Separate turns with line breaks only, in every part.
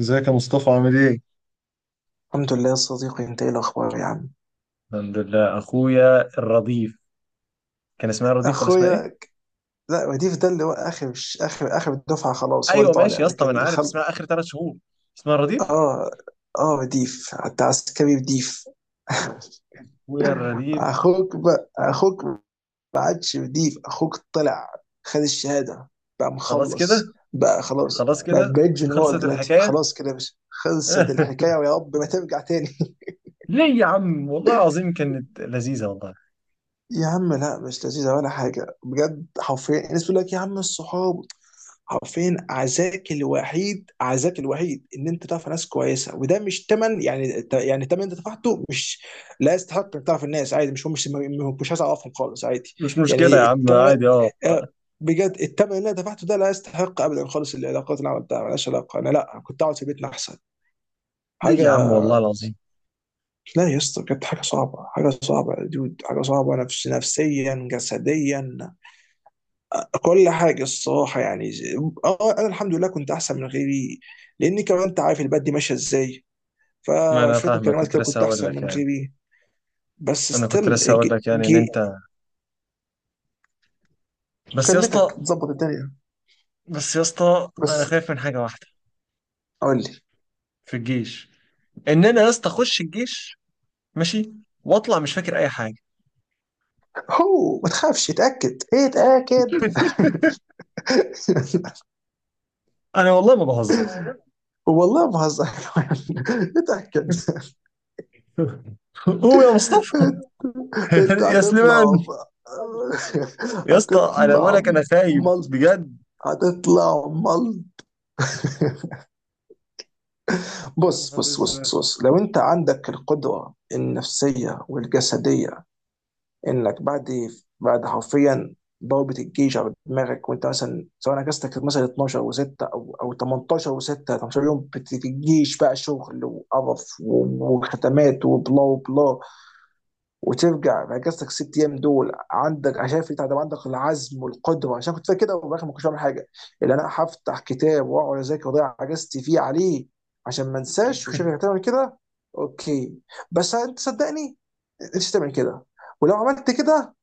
ازيك يا مصطفى، عامل ايه؟
الحمد لله يا صديقي، انت ايه الاخبار يا عم؟
الحمد لله. اخويا الرضيف، كان اسمها الرضيف ولا اسمها ايه؟
اخويا لا، وديف ده اللي هو اخر الدفعه، خلاص هو اللي
ايوه ماشي
طالع،
يا اسطى، ما
لكن
انا
اللي
عارف
خل...
اسمها اخر 3 شهور. اسمها الرضيف،
اه، اه وديف حتى عسكري وديف.
اخويا الرديف.
اخوك ما عادش، وديف اخوك طلع، خد الشهاده، بقى
خلاص
مخلص،
كده.
بقى خلاص،
خلاص
بقى
كده.
بقيت جنرال
خلصت
دلوقتي،
الحكايه.
خلاص كده، مش خلصت الحكايه، ويا رب ما ترجع تاني.
ليه يا عم، والله العظيم كانت لذيذه والله.
يا عم، لا مش لذيذة ولا حاجة، بجد حرفيا الناس بتقول لك يا عم الصحاب، حرفيا عزاك الوحيد، عزاك الوحيد ان انت تعرف ناس كويسه، وده مش تمن، يعني تمن انت دفعته، مش... لا يستحق انك تعرف الناس، عادي، مش هو مش مش عايز اعرفهم خالص، عادي.
مش مشكله يا
يعني
عم،
التمن،
عادي، اه.
آه، بجد التمن اللي انا دفعته ده لا يستحق ابدا خالص، العلاقات اللي عملتها ملهاش علاقه، انا لا كنت اقعد في بيتنا احسن
ليه
حاجه.
يا عم والله العظيم؟
لا يا اسطى، بجد حاجه صعبه، حاجه صعبه يا دود، حاجه صعبه نفسيا جسديا، كل حاجة الصراحة يعني اه، انا الحمد لله كنت احسن من غيري، لاني كمان انت عارف البلد دي ماشية ازاي،
ما انا
فشوية
فاهمك،
مكالمات
كنت
كده
لسه
كنت
هقول
احسن
لك
من
يعني
غيري. بس ستيل
ان
جي.
انت... بس يا اسطى،
مكالمتك بتظبط الدنيا
انا
بس
خايف من حاجه واحده
قول لي.
في الجيش، ان انا يا اسطى اخش الجيش ماشي واطلع مش فاكر اي حاجه.
هو ما تخافش، اتأكد، ايه اتأكد.
انا والله ما بهزر.
والله ما بهزر. اتأكد.
قوم يا مصطفى.
انت
يا سليمان،
هتطلع م-
يا اسطى انا بقول
هتطلع
لك، انا خايف
ملط
بجد.
هتطلع ملط.
يا
بص
نهار
بص
اسود.
بص بص، لو انت عندك القدرة النفسية والجسدية انك بعد حرفيا ضربة الجيش على دماغك، وانت مثلا سواء اجازتك كانت مثلا 12 و6 او 18 و6، 18 يوم الجيش بقى شغل وقرف وختمات وبلا وبلا، وترجع نجزتك 6 ايام دول، عندك عشان في تعب، عندك العزم والقدره، عشان كنت فاكر كده، وفي الاخر ما كنتش بعمل حاجه، اللي انا هفتح كتاب واقعد اذاكر واضيع اجازتي فيه عليه، عشان ما انساش، وشايفك هتعمل كده. اوكي، بس انت صدقني، انت تعمل كده، ولو عملت كده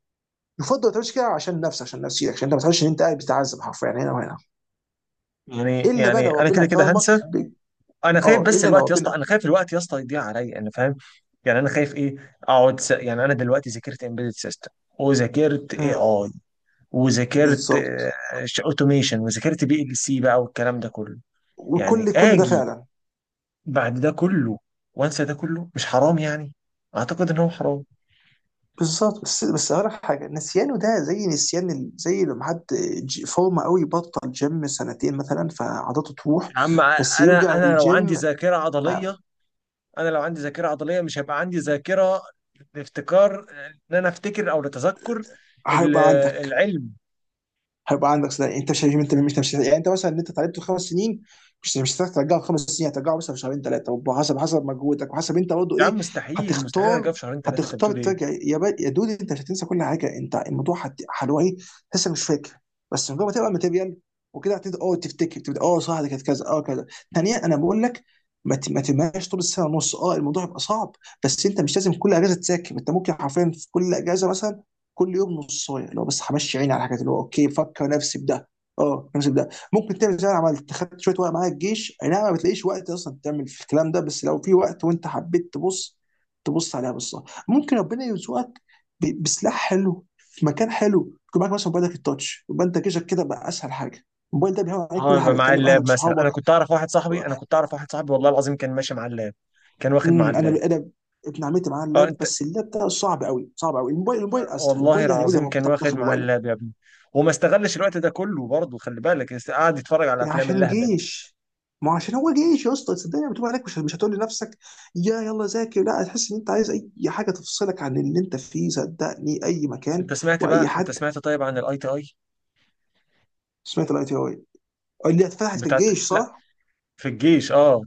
يفضل ما تعملش كده، عشان نفسك، عشان نفسيتك، عشان انت ما تحسش ان انت قاعد بتتعذب حرفيا يعني، هنا وهنا.
يعني
الا بقى
يعني
لو
انا
ربنا
كده كده هنسى. انا خايف
اه
بس
الا لو
الوقت يا اسطى،
ربنا.
انا خايف الوقت يا اسطى يضيع عليا، انا فاهم. يعني انا خايف ايه، اقعد يعني انا دلوقتي ذاكرت امبيدد سيستم، وذاكرت اي
مم.
اي، وذاكرت
بالظبط.
اوتوميشن، وذاكرت بي ال سي بقى، والكلام ده كله. يعني
وكل ده
اجي
فعلا.
بعد ده كله وانسى ده كله، مش حرام يعني؟ اعتقد ان هو حرام.
بالظبط، بس هقول لك حاجه، نسيانه ده زي نسيان زي لما حد فورمه قوي، بطل جيم سنتين مثلا، فعضلاته تروح،
يا عم
بس
انا
يرجع
انا لو عندي
الجيم.
ذاكره
ما-
عضليه، انا لو عندي ذاكره عضليه مش هيبقى عندي ذاكره لافتكار، ان انا افتكر، او لتذكر ال-
هيبقى عندك،
العلم.
هيبقى عندك صداع، يعني انت مش، انت مش مش يعني انت مثلا اللي انت اتعلمته 5 سنين، مش مش هتعرف ترجعه في 5 سنين، هترجعه مثلا في شهرين ثلاثه، وحسب حسب مجهودك، وحسب انت برضه
يا
ايه.
عم مستحيل، مستحيل
هتختار
ارجع في شهرين ثلاثه، انت
هتختار
بتقول ايه؟
ترجع يا يا دودي، انت مش هتنسى كل حاجه، انت الموضوع هت... هو ايه، لسه مش فاكر، بس مجرد ما تبقى الماتيريال وكده هتبدا اه تفتكر، تبدا اه صح ده كانت كذا، اه كذا. ثانيا انا بقول لك ما تبقاش طول السنه ونص، اه الموضوع هيبقى صعب، بس انت مش لازم كل اجازه تذاكر، انت ممكن حرفيا في كل اجازه مثلا كل يوم نصايه، لو بس همشي عيني على الحاجات، اللي هو اوكي بفكر نفسي بده، اه نفسي بده، ممكن تعمل زي ما أنا عملت، خدت شويه وقت معايا الجيش، اي نعم ما بتلاقيش وقت اصلا تعمل في الكلام ده، بس لو في وقت وانت حبيت تبص عليها بصه، ممكن ربنا يرزقك بسلاح حلو في مكان حلو، يكون معاك مثلا موبايلك التاتش، يبقى انت جيشك كده بقى اسهل حاجه، الموبايل ده بيعمل عليك
اه
كل
يبقى
حاجه،
معايا
تكلم
اللاب
اهلك
مثلا.
صحابك.
انا كنت اعرف واحد صاحبي والله العظيم كان ماشي مع اللاب، كان واخد مع اللاب.
انا ابن عمتي معاه
اه
اللاب،
انت،
بس اللاب ده صعب قوي صعب قوي، الموبايل اسهل،
والله
الموبايل يعني قول يا
العظيم
رب
كان
تعال
واخد
تاخد
مع
موبايلك،
اللاب يا ابني، وما استغلش الوقت ده كله برضه. خلي بالك، قعد يتفرج على
يعني
افلام
عشان
اللهبل.
جيش. ما هو عشان هو جيش يا اسطى، صدقني لما تبقى هناك، مش مش هتقول لنفسك يلا ذاكر، لا هتحس ان انت عايز اي حاجه تفصلك عن اللي انت فيه، صدقني اي مكان
انت سمعت
واي
بقى، انت
حد.
سمعت طيب عن الاي تي اي
سمعت الاي تي اي اللي اتفتحت في
بتاعت؟
الجيش،
لا،
صح؟
في الجيش، اه.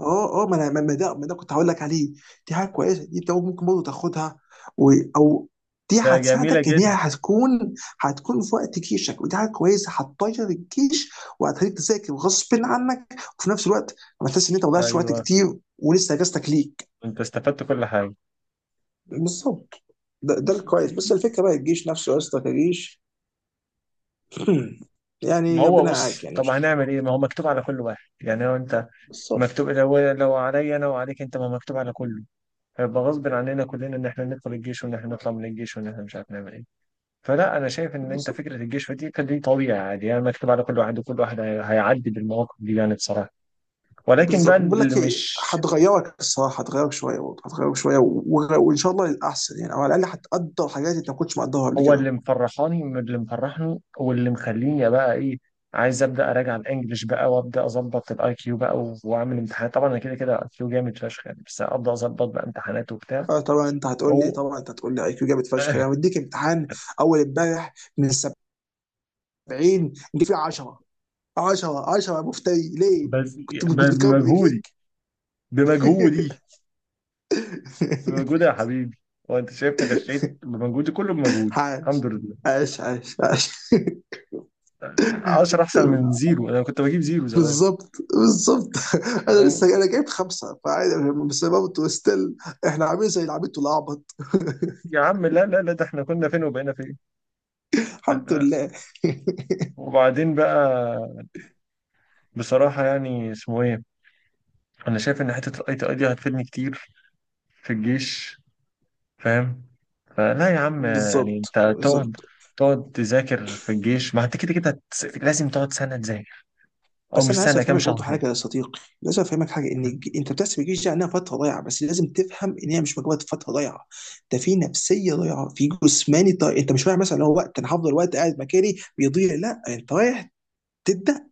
اه اه، ما انا ما ما ده ما ده كنت هقول لك عليه، دي حاجه كويسه، دي انت ممكن برضه تاخدها، و... او، دي
ده جميله
هتساعدك ان هي
جدا.
هتكون في وقت جيشك، ودي حاجه كويسه هتطير الجيش، وهتخليك تذاكر غصب عنك، وفي نفس الوقت ما تحس ان انت ما ضيعتش وقت
ايوه،
كتير، ولسه اجازتك ليك.
انت استفدت كل حاجه.
بالظبط. ده الكويس، بس الفكره بقى، الجيش نفسه يا اسطى كجيش.
ما
يعني
هو
ربنا يعاك
بص،
يعني
طب
مش.
هنعمل ايه؟ ما هو مكتوب على كل واحد يعني. لو انت
بالظبط
مكتوب، لو عليا انا وعليك انت، ما مكتوب على كله. هيبقى غصب عننا كلنا ان احنا ندخل الجيش، وان احنا نطلع من الجيش، وان احنا مش عارف نعمل ايه. فلا، انا شايف ان انت
بالظبط
فكره الجشع دي كان دي طبيعي عادي يعني، مكتوب على كل واحد، وكل واحد هيعدي بالمواقف دي يعني بصراحه. ولكن
بالظبط.
بقى
بقول
اللي
لك ايه،
مش...
هتغيرك الصراحه، هتغيرك شويه وان شاء الله للاحسن يعني، او على الاقل هتقدر حاجات انت ما كنتش مقدرها قبل
هو
كده.
اللي مفرحاني، من اللي مفرحني واللي مخليني بقى ايه، عايز ابدا اراجع الانجليش بقى، وابدا اظبط الاي كيو بقى واعمل امتحانات. طبعا انا كده كده الاي كيو جامد فشخ يعني، بس ابدا اظبط بقى امتحانات وبتاع.
آه، طبعا انت هتقول لي،
هو.
اي كيو جامد فشخ، انا مديك امتحان اول امبارح من 70 جه فيه 10، 10، 10، يا مفتري، ليه؟
بس
كنت كنت بتجاوب
بمجهودي،
برجليك.
بمجهودي. بمجهودي يا حبيبي، وانت شايفني غشيت؟ بمجهودي كله، بمجهودي
عاش،
الحمد لله.
عاش عاش عاش.
10 احسن من زيرو، انا كنت بجيب زيرو زمان.
بالظبط بالظبط. انا لسه
فاهم؟
انا جايب 5، فعادي بس برضه ستيل، احنا عاملين زي العبيط والاعبط.
يا عم لا لا لا، ده احنا كنا فين وبقينا فين.
الحمد
فاهم؟
لله.
وبعدين بقى، بصراحة يعني اسمه ايه، انا شايف ان حتة الاي تي اي دي هتفيدني كتير في الجيش، فاهم؟ فلا يا عم يعني
بالظبط،
انت تقعد
بالظبط.
تقعد تذاكر في الجيش. ما انت كده كده لازم تقعد سنة تذاكر، او
بس
مش
انا لازم
سنة كام
افهمك
شهر
برضه
يعني.
حاجه يا صديقي، لازم افهمك حاجه ان انت بتحسب الجيش ده انها فتره ضايعه، بس لازم تفهم ان هي مش مجرد فتره ضايعه، ده في نفسيه ضايعه، في جسماني ضايع، انت مش رايح مثلا اللي هو وقت انا هفضل وقت قاعد مكاني بيضيع، لا انت رايح، تدخل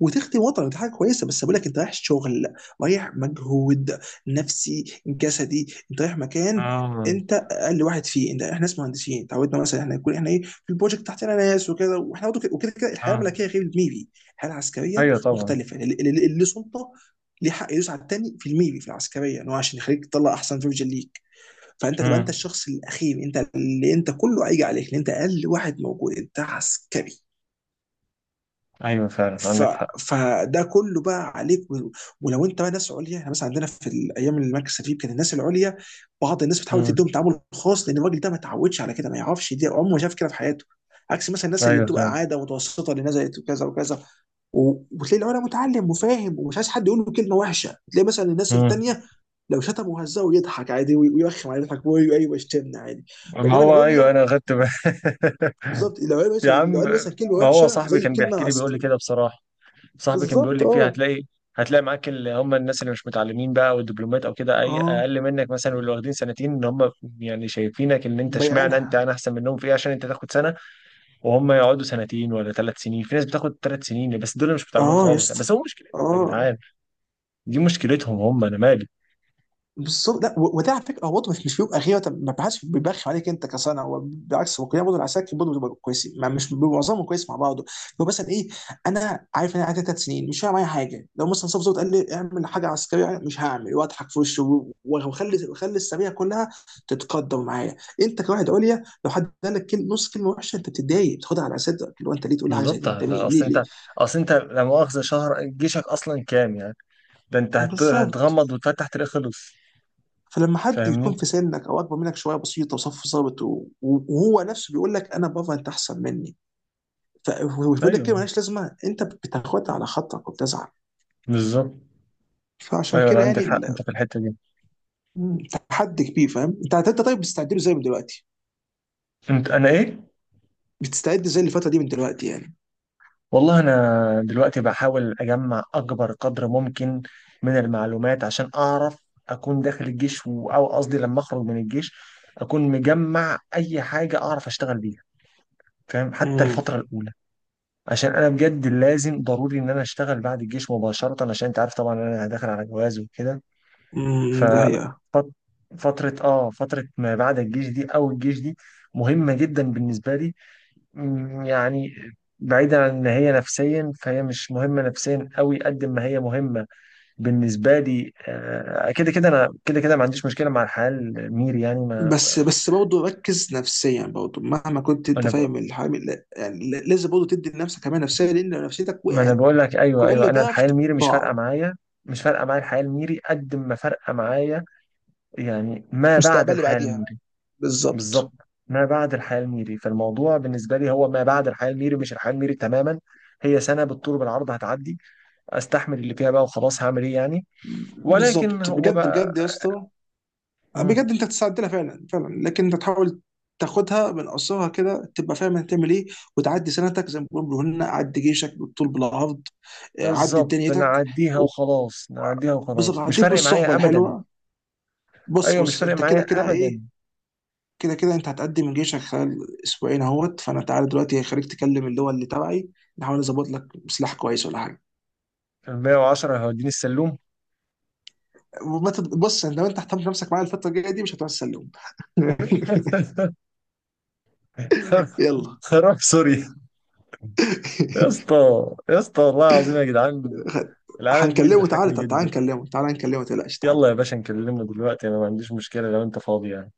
وتخدم وطنك، دي حاجه كويسه، بس بقول لك انت رايح شغل، رايح مجهود نفسي جسدي، انت رايح مكان،
اه،
انت اقل واحد فيه، انت احنا ناس مهندسين تعودنا مثلا احنا يكون احنا ايه في البروجكت تحتنا ناس وكده، واحنا برضه كده- وكده كده الحياه
اه.
الملكيه غير الميري، الحياه العسكريه
ايوه طبعا.
مختلفه، اللي سلطه ليه حق يدوس على التاني في الميري، في العسكريه ان هو عشان يخليك تطلع احسن فيرجن ليك، فانت تبقى انت
مم.
الشخص الاخير، انت اللي انت كله هيجي عليك، لان انت اقل واحد موجود، انت عسكري.
ايوه فعلا
ف...
عندك حق.
فده كله بقى عليك و... ولو انت بقى ناس عليا، يعني مثلا عندنا في الايام اللي المركز فيه كان الناس العليا، بعض الناس بتحاول
مم.
تديهم تعامل خاص، لان الراجل ده ما اتعودش على كده، ما يعرفش دي، عمره ما شاف كده في حياته، عكس مثلا الناس اللي
ايوه
بتبقى
فعلا.
عاده متوسطه اللي نزلت وكذا وكذا، وتلاقي العليا متعلم وفاهم، ومش عايز حد يقول له كلمه وحشه، تلاقي مثلا الناس
مم.
التانيه لو شتم وهزه يضحك عادي ويرخم عليه يضحك ايوه يشتمنا عادي،
ما
بينما
هو ايوه،
العليا،
انا اخدت بالي.
بالظبط،
يا
لو
عم
قال مثلا كلمه
ما هو
وحشه
صاحبي
زي
كان
كلمه
بيحكي لي، بيقول لي
عسكري.
كده بصراحه. صاحبي كان بيقول
بالظبط
لي فيها
اه
هتلاقي معاك اللي هم الناس اللي مش متعلمين بقى، والدبلومات او كده، اي
اه،
اقل منك مثلا، واللي واخدين سنتين ان هم يعني شايفينك ان انت اشمعنى انت،
بايعينها.
انا احسن منهم في ايه عشان انت تاخد سنه، وهم يقعدوا سنتين ولا 3 سنين. في ناس بتاخد 3 سنين بس دول مش متعلمين
اه يا
خالص يعني،
اسطى
بس هو مشكلتهم يا
اه.
جدعان. دي مشكلتهم هم، انا مالي.
بالظبط، لا وده على فكره، هو برضه مش مش بيبقى غيره، طب ما بحدش بيبخم عليك انت كصنع، هو بالعكس هو كلنا برضه العساكر برضه بتبقى كويسين، ما مش بيبقى معظمهم كويس مع بعضه، هو مثلا ايه، انا عارف ان انا قاعد 3 سنين، مش هعمل معايا حاجه، لو مثلا صف ظابط قال لي اعمل حاجه عسكريه مش هعمل، واضحك في وشه وخلي السريه كلها تتقدر معايا، انت كواحد عليا لو حد قال لك كلمه، نص كلمه وحشه، انت بتتضايق، بتاخدها على اساس اللي هو، انت ليه تقول لي حاجه زي
بالظبط.
دي، انت مين، ليه ليه،
اصل انت لا مؤاخذه شهر جيشك اصلا كام يعني؟ ده انت
بالظبط.
هتغمض وتفتح تلاقيه خلص.
فلما حد
فاهمني؟
يكون في سنك او اكبر منك شويه بسيطه، وصف ظابط وهو نفسه بيقول لك انا بابا انت احسن مني، فبيقول لك كلمه
ايوه
مالهاش لازمه، انت بتاخدها على خاطرك وبتزعل.
بالظبط.
فعشان
ايوه انا
كده يعني
عندك حق انت في الحته دي.
مم، تحدي كبير، فاهم، انت طيب بتستعد له ازاي من دلوقتي،
انت انا ايه؟
بتستعد ازاي للفتره دي من دلوقتي يعني.
والله انا دلوقتي بحاول اجمع اكبر قدر ممكن من المعلومات، عشان اعرف اكون داخل الجيش او قصدي لما اخرج من الجيش اكون مجمع اي حاجه اعرف اشتغل بيها، فاهم؟ حتى
امم
الفتره الاولى، عشان انا بجد لازم ضروري ان انا اشتغل بعد الجيش مباشره. عشان انت عارف طبعا، انا داخل على جواز وكده.
ده هي،
ففترة اه فترة ما بعد الجيش دي او الجيش دي مهمة جدا بالنسبة لي، يعني. بعيدا عن ان هي نفسيا، فهي مش مهمة نفسيا قوي قد ما هي مهمة بالنسبة لي. كده كده انا كده كده ما عنديش مشكلة مع الحياة الميري يعني.
بس برضه ركز نفسيا برضه مهما كنت
ما
انت
انا بقول
فاهم الحامل، لازم برضه تدي لنفسك حمايه نفسيه، لان لو نفسيتك
ما انا
وقعت
بقول لك، ايوه
كل
ايوه، انا
ده
الحياة الميري مش فارقة
ضاع،
معايا. مش فارقة معايا الحياة الميري قد ما فارقة معايا، يعني ما بعد
مستقبلي
الحياة
بعديها.
الميري.
بالظبط،
بالظبط. ما بعد الحياة الميري، فالموضوع بالنسبة لي هو ما بعد الحياة الميري، مش الحياة الميري تماما. هي سنة بالطول بالعرض هتعدي، استحمل اللي فيها بقى وخلاص، هعمل ايه يعني. ولكن
بالظبط
هو
بجد
بقى...
بجد يا اسطى،
مم.
بجد انت تستعدلها فعلا، فعلا لكن انت تحاول تاخدها من قصرها كده، تبقى فاهم هتعمل ايه، وتعدي سنتك زي ما بيقولوا هنا عدي جيشك بالطول بالعرض، آه، عدي
بالظبط،
دنيتك
نعديها
و-
وخلاص، نعديها
بالظبط،
وخلاص، مش
عدي
فارق
بالصحبه
معايا ابدا.
الحلوه. بص
ايوه مش
بص
فارق
انت كده
معايا
كده
ابدا.
ايه، كده كده انت هتقدم من جيشك خلال اسبوعين اهوت، فانا تعالى دلوقتي هخليك تكلم اللي هو اللي تبعي، نحاول نظبط لك سلاح كويس ولا حاجه.
ال 110 هيوديني السلوم.
بص انت لو انت اهتمت نفسك معايا الفتره الجايه دي مش هتعرف تسلم. يلا.
خراب سوري. يا اسطى، يا اسطى والله العظيم يا جدعان، العالم دي
هنكلمه تعالى،
بتضحكني
تعالى
جدا.
نكلمه، تعالى نكلمه، ما تقلقش
يلا يا
تعالى.
باشا نكلمنا دلوقتي، انا ما عنديش مشكلة لو انت فاضي يعني.